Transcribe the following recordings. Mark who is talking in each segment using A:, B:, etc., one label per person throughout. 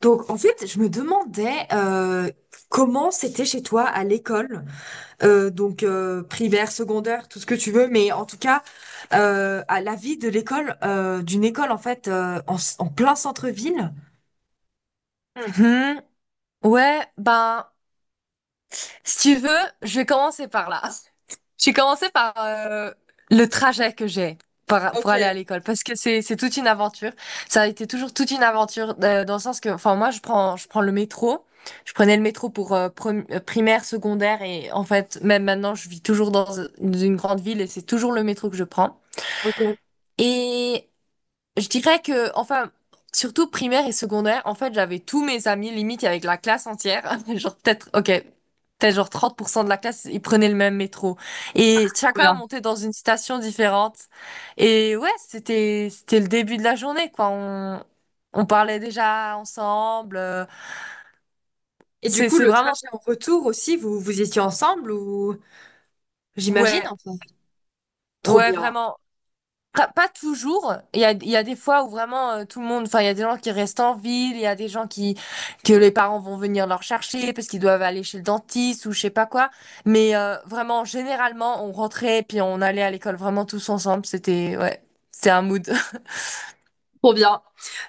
A: Donc, en fait, je me demandais comment c'était chez toi à l'école, primaire, secondaire, tout ce que tu veux, mais en tout cas, à la vie de l'école, d'une école en fait en, s- en plein centre-ville.
B: Mhm. Ouais, ben, si tu veux, je vais commencer par là. Je vais commencer par le trajet que j'ai pour
A: Ok,
B: aller à l'école, parce que c'est toute une aventure. Ça a été toujours toute une aventure dans le sens que, enfin, moi, je prends le métro. Je prenais le métro pour primaire, secondaire, et en fait, même maintenant, je vis toujours dans une grande ville et c'est toujours le métro que je prends. Et Je dirais que, enfin, surtout primaire et secondaire, en fait, j'avais tous mes amis, limite, avec la classe entière. Genre, peut-être, ok, peut-être genre 30 % de la classe, ils prenaient le même métro. Et
A: trop
B: chacun
A: bien.
B: montait dans une station différente. Et ouais, c'était le début de la journée, quoi. On parlait déjà ensemble.
A: Et du
B: C'est,
A: coup,
B: c'est
A: le
B: vraiment,
A: trajet en retour aussi, vous vous étiez ensemble ou j'imagine
B: ouais,
A: enfin. Trop
B: ouais,
A: bien,
B: vraiment. Pas toujours. Il y a des fois où vraiment tout le monde, enfin, il y a des gens qui restent en ville, il y a des gens qui, que les parents vont venir leur chercher parce qu'ils doivent aller chez le dentiste ou je sais pas quoi. Mais vraiment, généralement, on rentrait puis on allait à l'école vraiment tous ensemble. C'était, ouais, c'était un mood.
A: trop bien.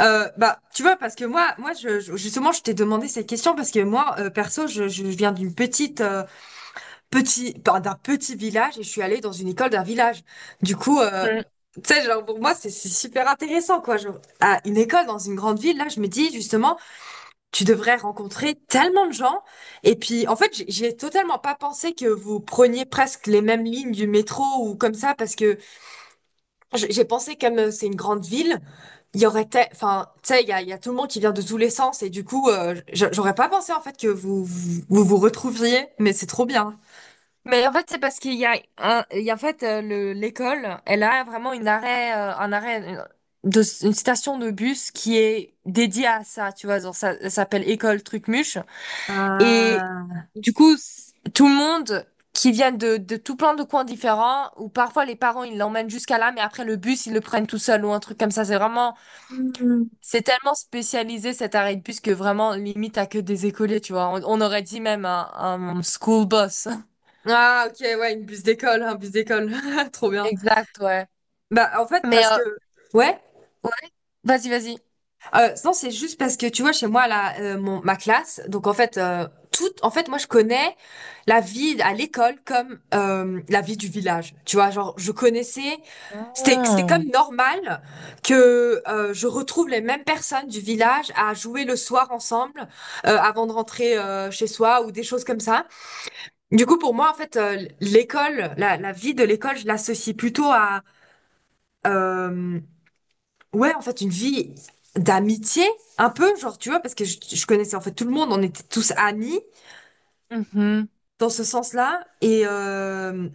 A: Bah, tu vois, parce que justement, je t'ai demandé cette question parce que moi, perso, je viens d'une d'un petit village et je suis allée dans une école d'un village. Du coup,
B: Mm.
A: tu sais, genre pour moi, c'est super intéressant, quoi. Genre, à une école dans une grande ville, là, je me dis justement, tu devrais rencontrer tellement de gens. Et puis, en fait, j'ai totalement pas pensé que vous preniez presque les mêmes lignes du métro ou comme ça, parce que j'ai pensé comme c'est une grande ville, il y aurait, enfin, tu sais, il y a tout le monde qui vient de tous les sens et du coup, j'aurais pas pensé en fait que vous vous retrouviez, mais c'est trop bien.
B: Mais en fait, c'est parce qu'il y a en fait l'école, elle a vraiment une arrêt, un arrêt une- de, une station de bus qui est dédiée à ça, tu vois. Genre, ça s'appelle École Trucmuche. Et
A: Ah.
B: du coup, tout le monde qui vient de, tout plein de coins différents, ou parfois les parents, ils l'emmènent jusqu'à là, mais après le bus, ils le prennent tout seul ou un truc comme ça.
A: Hmm.
B: C'est tellement spécialisé cet arrêt de bus que vraiment, limite, t'as que des écoliers, tu vois. On aurait dit même un school bus.
A: Ah, ok, ouais, une bus d'école, un bus d'école. Trop bien.
B: Exact, ouais.
A: Bah, en fait,
B: Mais
A: parce que. Ouais.
B: ouais, vas-y, vas-y.
A: Non, c'est juste parce que, tu vois, chez moi, là, ma classe, donc en fait, moi, je connais la vie à l'école comme la vie du village. Tu vois, genre, je connaissais. C'était comme
B: Ah.
A: normal que je retrouve les mêmes personnes du village à jouer le soir ensemble avant de rentrer chez soi ou des choses comme ça. Du coup, pour moi, en fait, la vie de l'école, je l'associe plutôt à, euh, ouais, en fait, une vie d'amitié, un peu, genre, tu vois, parce que je connaissais en fait tout le monde, on était tous amis
B: Mhm.
A: dans ce sens-là.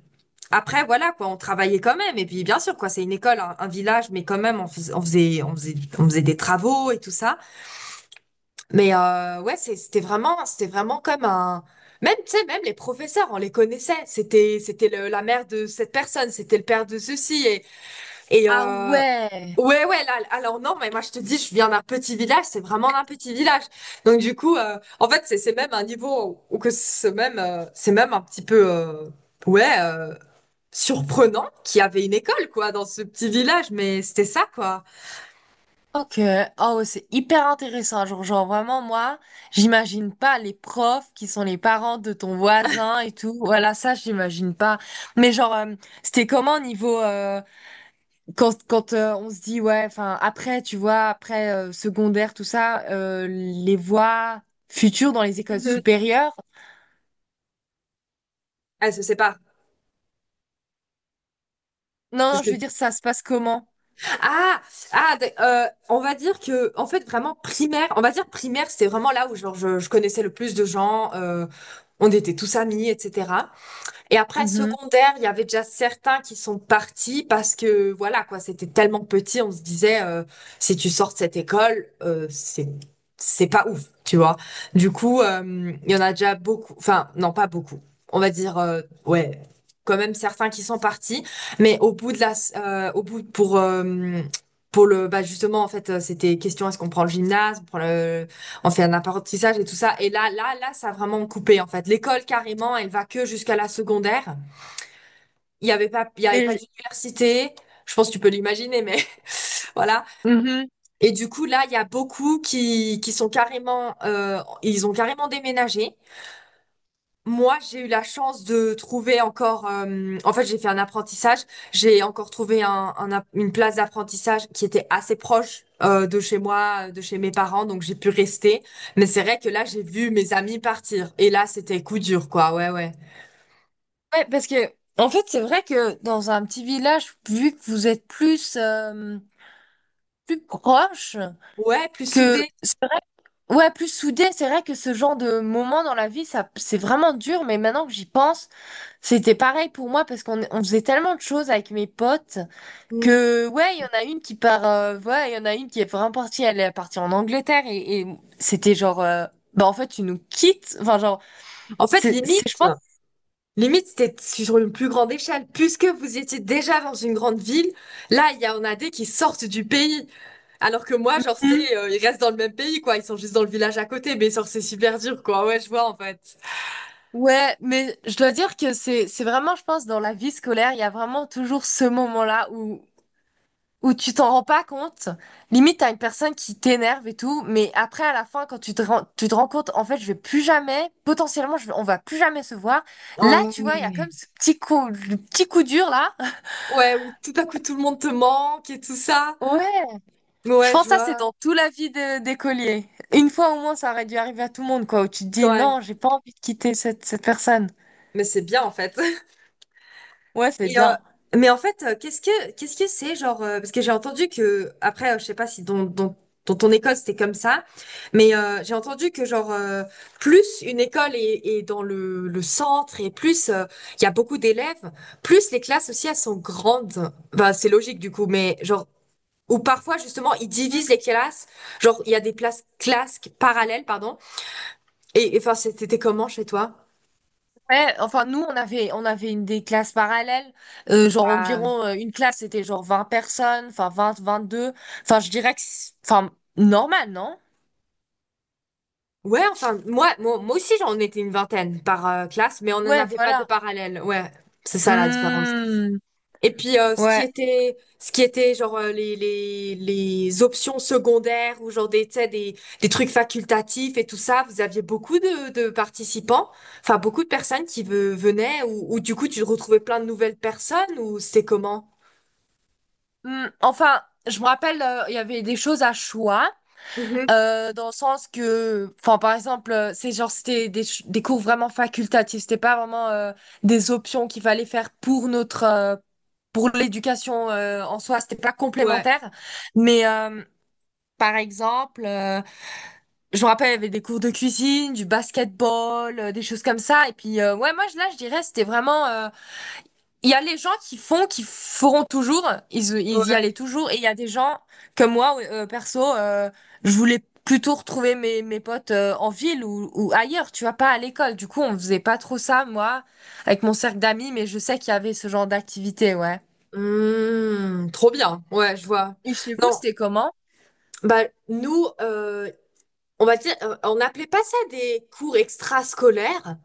A: Après, voilà, quoi, on travaillait quand même. Et puis, bien sûr, quoi, c'est une école, un village, mais quand même, on faisait des travaux et tout ça. Mais ouais, c'était vraiment comme un. Même, tu sais, même les professeurs, on les connaissait. C'était la mère de cette personne, c'était le père de ceci. Et, et
B: Ah,
A: euh,
B: ouais.
A: ouais, ouais, là, alors non, mais moi je te dis, je viens d'un petit village, c'est vraiment d'un petit village. Donc du coup, en fait, c'est même un niveau où que c'est même un petit peu, ouais, euh, surprenant qu'il y avait une école, quoi, dans ce petit village. Mais c'était ça, quoi.
B: Ok, oh, ouais, c'est hyper intéressant. Genre, vraiment, moi, j'imagine pas les profs qui sont les parents de ton voisin et tout. Voilà, ça, j'imagine pas. Mais genre, c'était comment au niveau quand on se dit ouais, enfin après, tu vois, après secondaire, tout ça, les voies futures dans les écoles
A: Mhm.
B: supérieures.
A: Elle se sépare.
B: Non,
A: C'est
B: non,
A: ce
B: je
A: que
B: veux dire, ça se passe comment?
A: Ah, on va dire que, en fait, on va dire primaire, c'était vraiment là où genre, je connaissais le plus de gens, on était tous amis, etc. Et après,
B: Mhm.
A: secondaire, il y avait déjà certains qui sont partis parce que, voilà, quoi, c'était tellement petit, on se disait, si tu sors de cette école, c'est pas ouf, tu vois. Du coup, il y en a déjà beaucoup, enfin, non, pas beaucoup. On va dire, ouais, quand même certains qui sont partis, mais au bout, bah, justement, en fait, c'était question, est-ce qu'on prend le gymnase, on fait un apprentissage et tout ça. Et là, ça a vraiment coupé en fait. L'école carrément, elle va que jusqu'à la secondaire. Il y avait
B: Mais
A: pas
B: je-.
A: d'université. Je pense que tu peux l'imaginer, mais voilà.
B: Mhm.
A: Et du coup, là, il y a beaucoup qui sont carrément, ils ont carrément déménagé. Moi, j'ai eu la chance de trouver encore. En fait, j'ai fait un apprentissage. J'ai encore trouvé une place d'apprentissage qui était assez proche de chez moi, de chez mes parents, donc j'ai pu rester. Mais c'est vrai que là, j'ai vu mes amis partir. Et là, c'était coup dur, quoi. Ouais, ouais.
B: Ouais, parce que en fait, c'est vrai que dans un petit village, vu que vous êtes plus plus proche,
A: Ouais, plus
B: que
A: soudé.
B: c'est vrai, ouais, plus soudé, c'est vrai que ce genre de moment dans la vie, ça, c'est vraiment dur, mais maintenant que j'y pense, c'était pareil pour moi, parce qu'on faisait tellement de choses avec mes potes,
A: Mm.
B: que ouais il y en a une qui part, ouais il y en a une qui est vraiment partie, elle est partie en Angleterre, et c'était genre, bah en fait tu nous quittes, enfin genre,
A: En fait,
B: c'est je
A: limite,
B: pense.
A: limite, c'était sur une plus grande échelle. Puisque vous étiez déjà dans une grande ville, là, il y en a des qui sortent du pays. Alors que moi, genre,
B: Hmm.
A: ils restent dans le même pays, quoi. Ils sont juste dans le village à côté, mais genre, c'est super dur, quoi. Ouais, je vois, en fait.
B: Ouais, mais je dois dire que c'est vraiment, je pense, dans la vie scolaire, il y a vraiment toujours ce moment-là où tu t'en rends pas compte. Limite, t'as une personne qui t'énerve et tout, mais après, à la fin, quand tu te rends compte, en fait, je vais plus jamais, potentiellement, on va plus jamais se voir. Là, tu vois, il y a comme
A: Ouais.
B: ce petit coup, le petit coup dur, là.
A: Ouais, où tout à coup, tout le monde te manque et tout ça.
B: Ouais. Je
A: Ouais,
B: pense que
A: je
B: ça, c'est
A: vois.
B: dans toute la vie d'écolier. Une fois au moins, ça aurait dû arriver à tout le monde, quoi, où tu te dis,
A: Ouais.
B: non, j'ai pas envie de quitter cette personne.
A: Mais c'est bien, en fait.
B: Ouais, c'est
A: Et, euh,
B: bien.
A: mais en fait, qu'est-ce que c'est genre parce que j'ai entendu que après je sais pas si dans ton école c'était comme ça, mais j'ai entendu que genre plus une école est dans le centre et plus il y a beaucoup d'élèves, plus les classes aussi elles sont grandes. Bah c'est logique du coup, mais genre ou parfois justement ils divisent les classes, genre il y a des places classes parallèles pardon. Et, enfin c'était comment chez toi?
B: Ouais, enfin nous on avait une des classes parallèles, genre environ une classe c'était genre 20 personnes, enfin vingt deux, enfin je dirais que enfin normal, non?
A: Ouais, enfin, moi aussi, j'en étais une vingtaine par classe, mais on n'en
B: Ouais,
A: avait pas de
B: voilà.
A: parallèle. Ouais, c'est ça la différence.
B: Hmm,
A: Et puis,
B: ouais.
A: ce qui était genre les options secondaires ou genre des, tu sais, des trucs facultatifs et tout ça, vous aviez beaucoup de participants, enfin, beaucoup de personnes qui venaient ou du coup, tu retrouvais plein de nouvelles personnes ou c'était comment?
B: Hmm, enfin, je me rappelle il y avait des choses à choix
A: Mhm.
B: dans le sens que enfin par exemple, c'est genre c'était des cours vraiment facultatifs, c'était pas vraiment des options qu'il fallait faire pour notre pour l'éducation en soi, c'était pas
A: Ouais,
B: complémentaire, mais par exemple, je me rappelle, il y avait des cours de cuisine, du basketball, des choses comme ça. Et puis, ouais, moi, là, je dirais, c'était vraiment. Il y a les gens qui font, qui feront toujours, ils y
A: ouais.
B: allaient toujours. Et il y a des gens comme moi, ouais, perso, je voulais plutôt retrouver mes potes en ville ou ailleurs, tu vois, pas à l'école. Du coup, on faisait pas trop ça, moi, avec mon cercle d'amis, mais je sais qu'il y avait ce genre d'activité, ouais.
A: Hmm, trop bien. Ouais, je vois.
B: Et chez vous,
A: Non,
B: c'était comment?
A: bah nous, on va dire, on n'appelait pas ça des cours extrascolaires.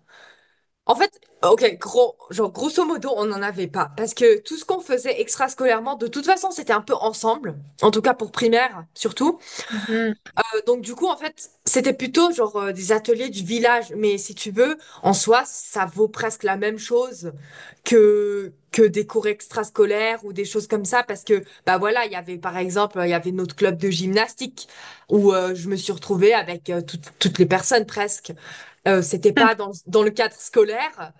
A: En fait, ok, genre grosso modo, on n'en avait pas parce que tout ce qu'on faisait extrascolairement, de toute façon, c'était un peu ensemble. En tout cas pour primaire, surtout.
B: Mhm.
A: Donc du coup, en fait, c'était plutôt genre des ateliers du village, mais si tu veux, en soi, ça vaut presque la même chose que des cours extrascolaires ou des choses comme ça, parce que bah voilà, il y avait par exemple, il y avait notre club de gymnastique où je me suis retrouvée avec toutes les personnes presque. C'était pas dans le cadre scolaire,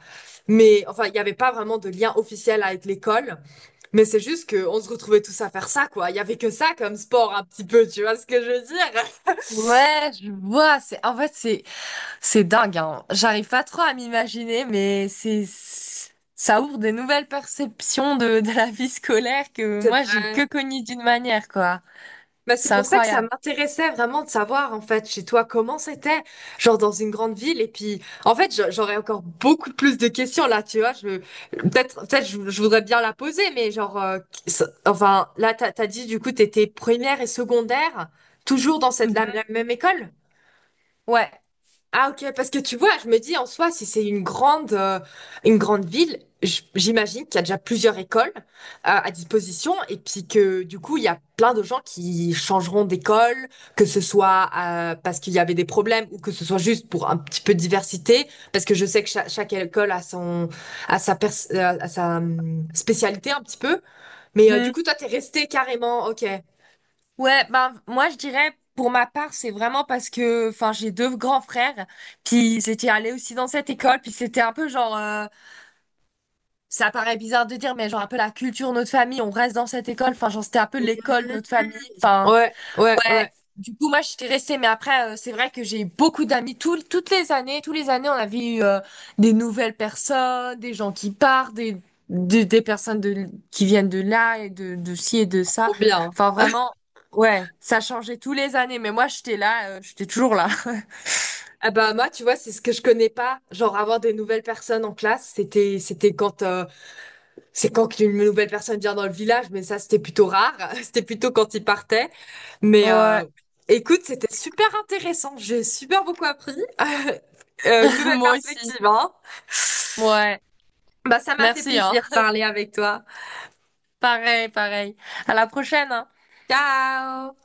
A: mais enfin, il y avait pas vraiment de lien officiel avec l'école, mais c'est juste que on se retrouvait tous à faire ça quoi. Il y avait que ça comme sport un petit peu, tu vois ce que je veux dire?
B: Ouais, je vois. C'est en fait c'est dingue, hein. J'arrive pas trop à m'imaginer, mais c'est ça ouvre des nouvelles perceptions de, la vie scolaire que
A: C'est
B: moi j'ai
A: vrai.
B: que connues d'une manière, quoi.
A: Bah, c'est
B: C'est
A: pour ça que ça
B: incroyable.
A: m'intéressait vraiment de savoir en fait chez toi comment c'était, genre dans une grande ville. Et puis en fait j'aurais encore beaucoup plus de questions là, tu vois. Je peut-être je voudrais bien la poser, mais genre enfin là t'as dit du coup t'étais première et secondaire toujours dans
B: Mhm.
A: la même école?
B: Ouais.
A: Ah ok, parce que tu vois, je me dis en soi, si c'est une une grande ville, j'imagine qu'il y a déjà plusieurs écoles à disposition et puis que du coup, il y a plein de gens qui changeront d'école, que ce soit parce qu'il y avait des problèmes ou que ce soit juste pour un petit peu de diversité, parce que je sais que chaque école a sa, a sa spécialité un petit peu. Mais du
B: Mhm.
A: coup, toi, t'es resté carrément, ok.
B: Ouais, ben moi je dirais pour ma part, c'est vraiment parce que enfin j'ai deux grands frères, puis ils étaient allés aussi dans cette école, puis c'était un peu genre. Ça paraît bizarre de dire, mais genre un peu la culture, notre famille, on reste dans cette école. Enfin, genre c'était un peu l'école, notre famille. Enfin,
A: Ouais, ouais,
B: ouais.
A: ouais,
B: Du coup, moi, j'étais restée. Mais après, c'est vrai que j'ai eu beaucoup d'amis. Toutes les années, tous les années, on avait eu des nouvelles personnes, des gens qui partent, des personnes qui viennent de là et de ci et de ça.
A: trop bien.
B: Enfin, vraiment, ouais, ça changeait tous les années. Mais moi, j'étais là, j'étais toujours là.
A: Ah bah moi, tu vois, c'est ce que je connais pas. Genre avoir des nouvelles personnes en classe, c'était quand c'est quand qu'une nouvelle personne vient dans le village, mais ça c'était plutôt rare. C'était plutôt quand ils partaient. Mais
B: Ouais,
A: écoute, c'était super intéressant. J'ai super beaucoup appris. Une nouvelle
B: moi aussi.
A: perspective, hein.
B: Ouais,
A: Bah ça m'a fait
B: merci, hein.
A: plaisir de parler avec toi.
B: Pareil, pareil. À la prochaine, hein.
A: Ciao!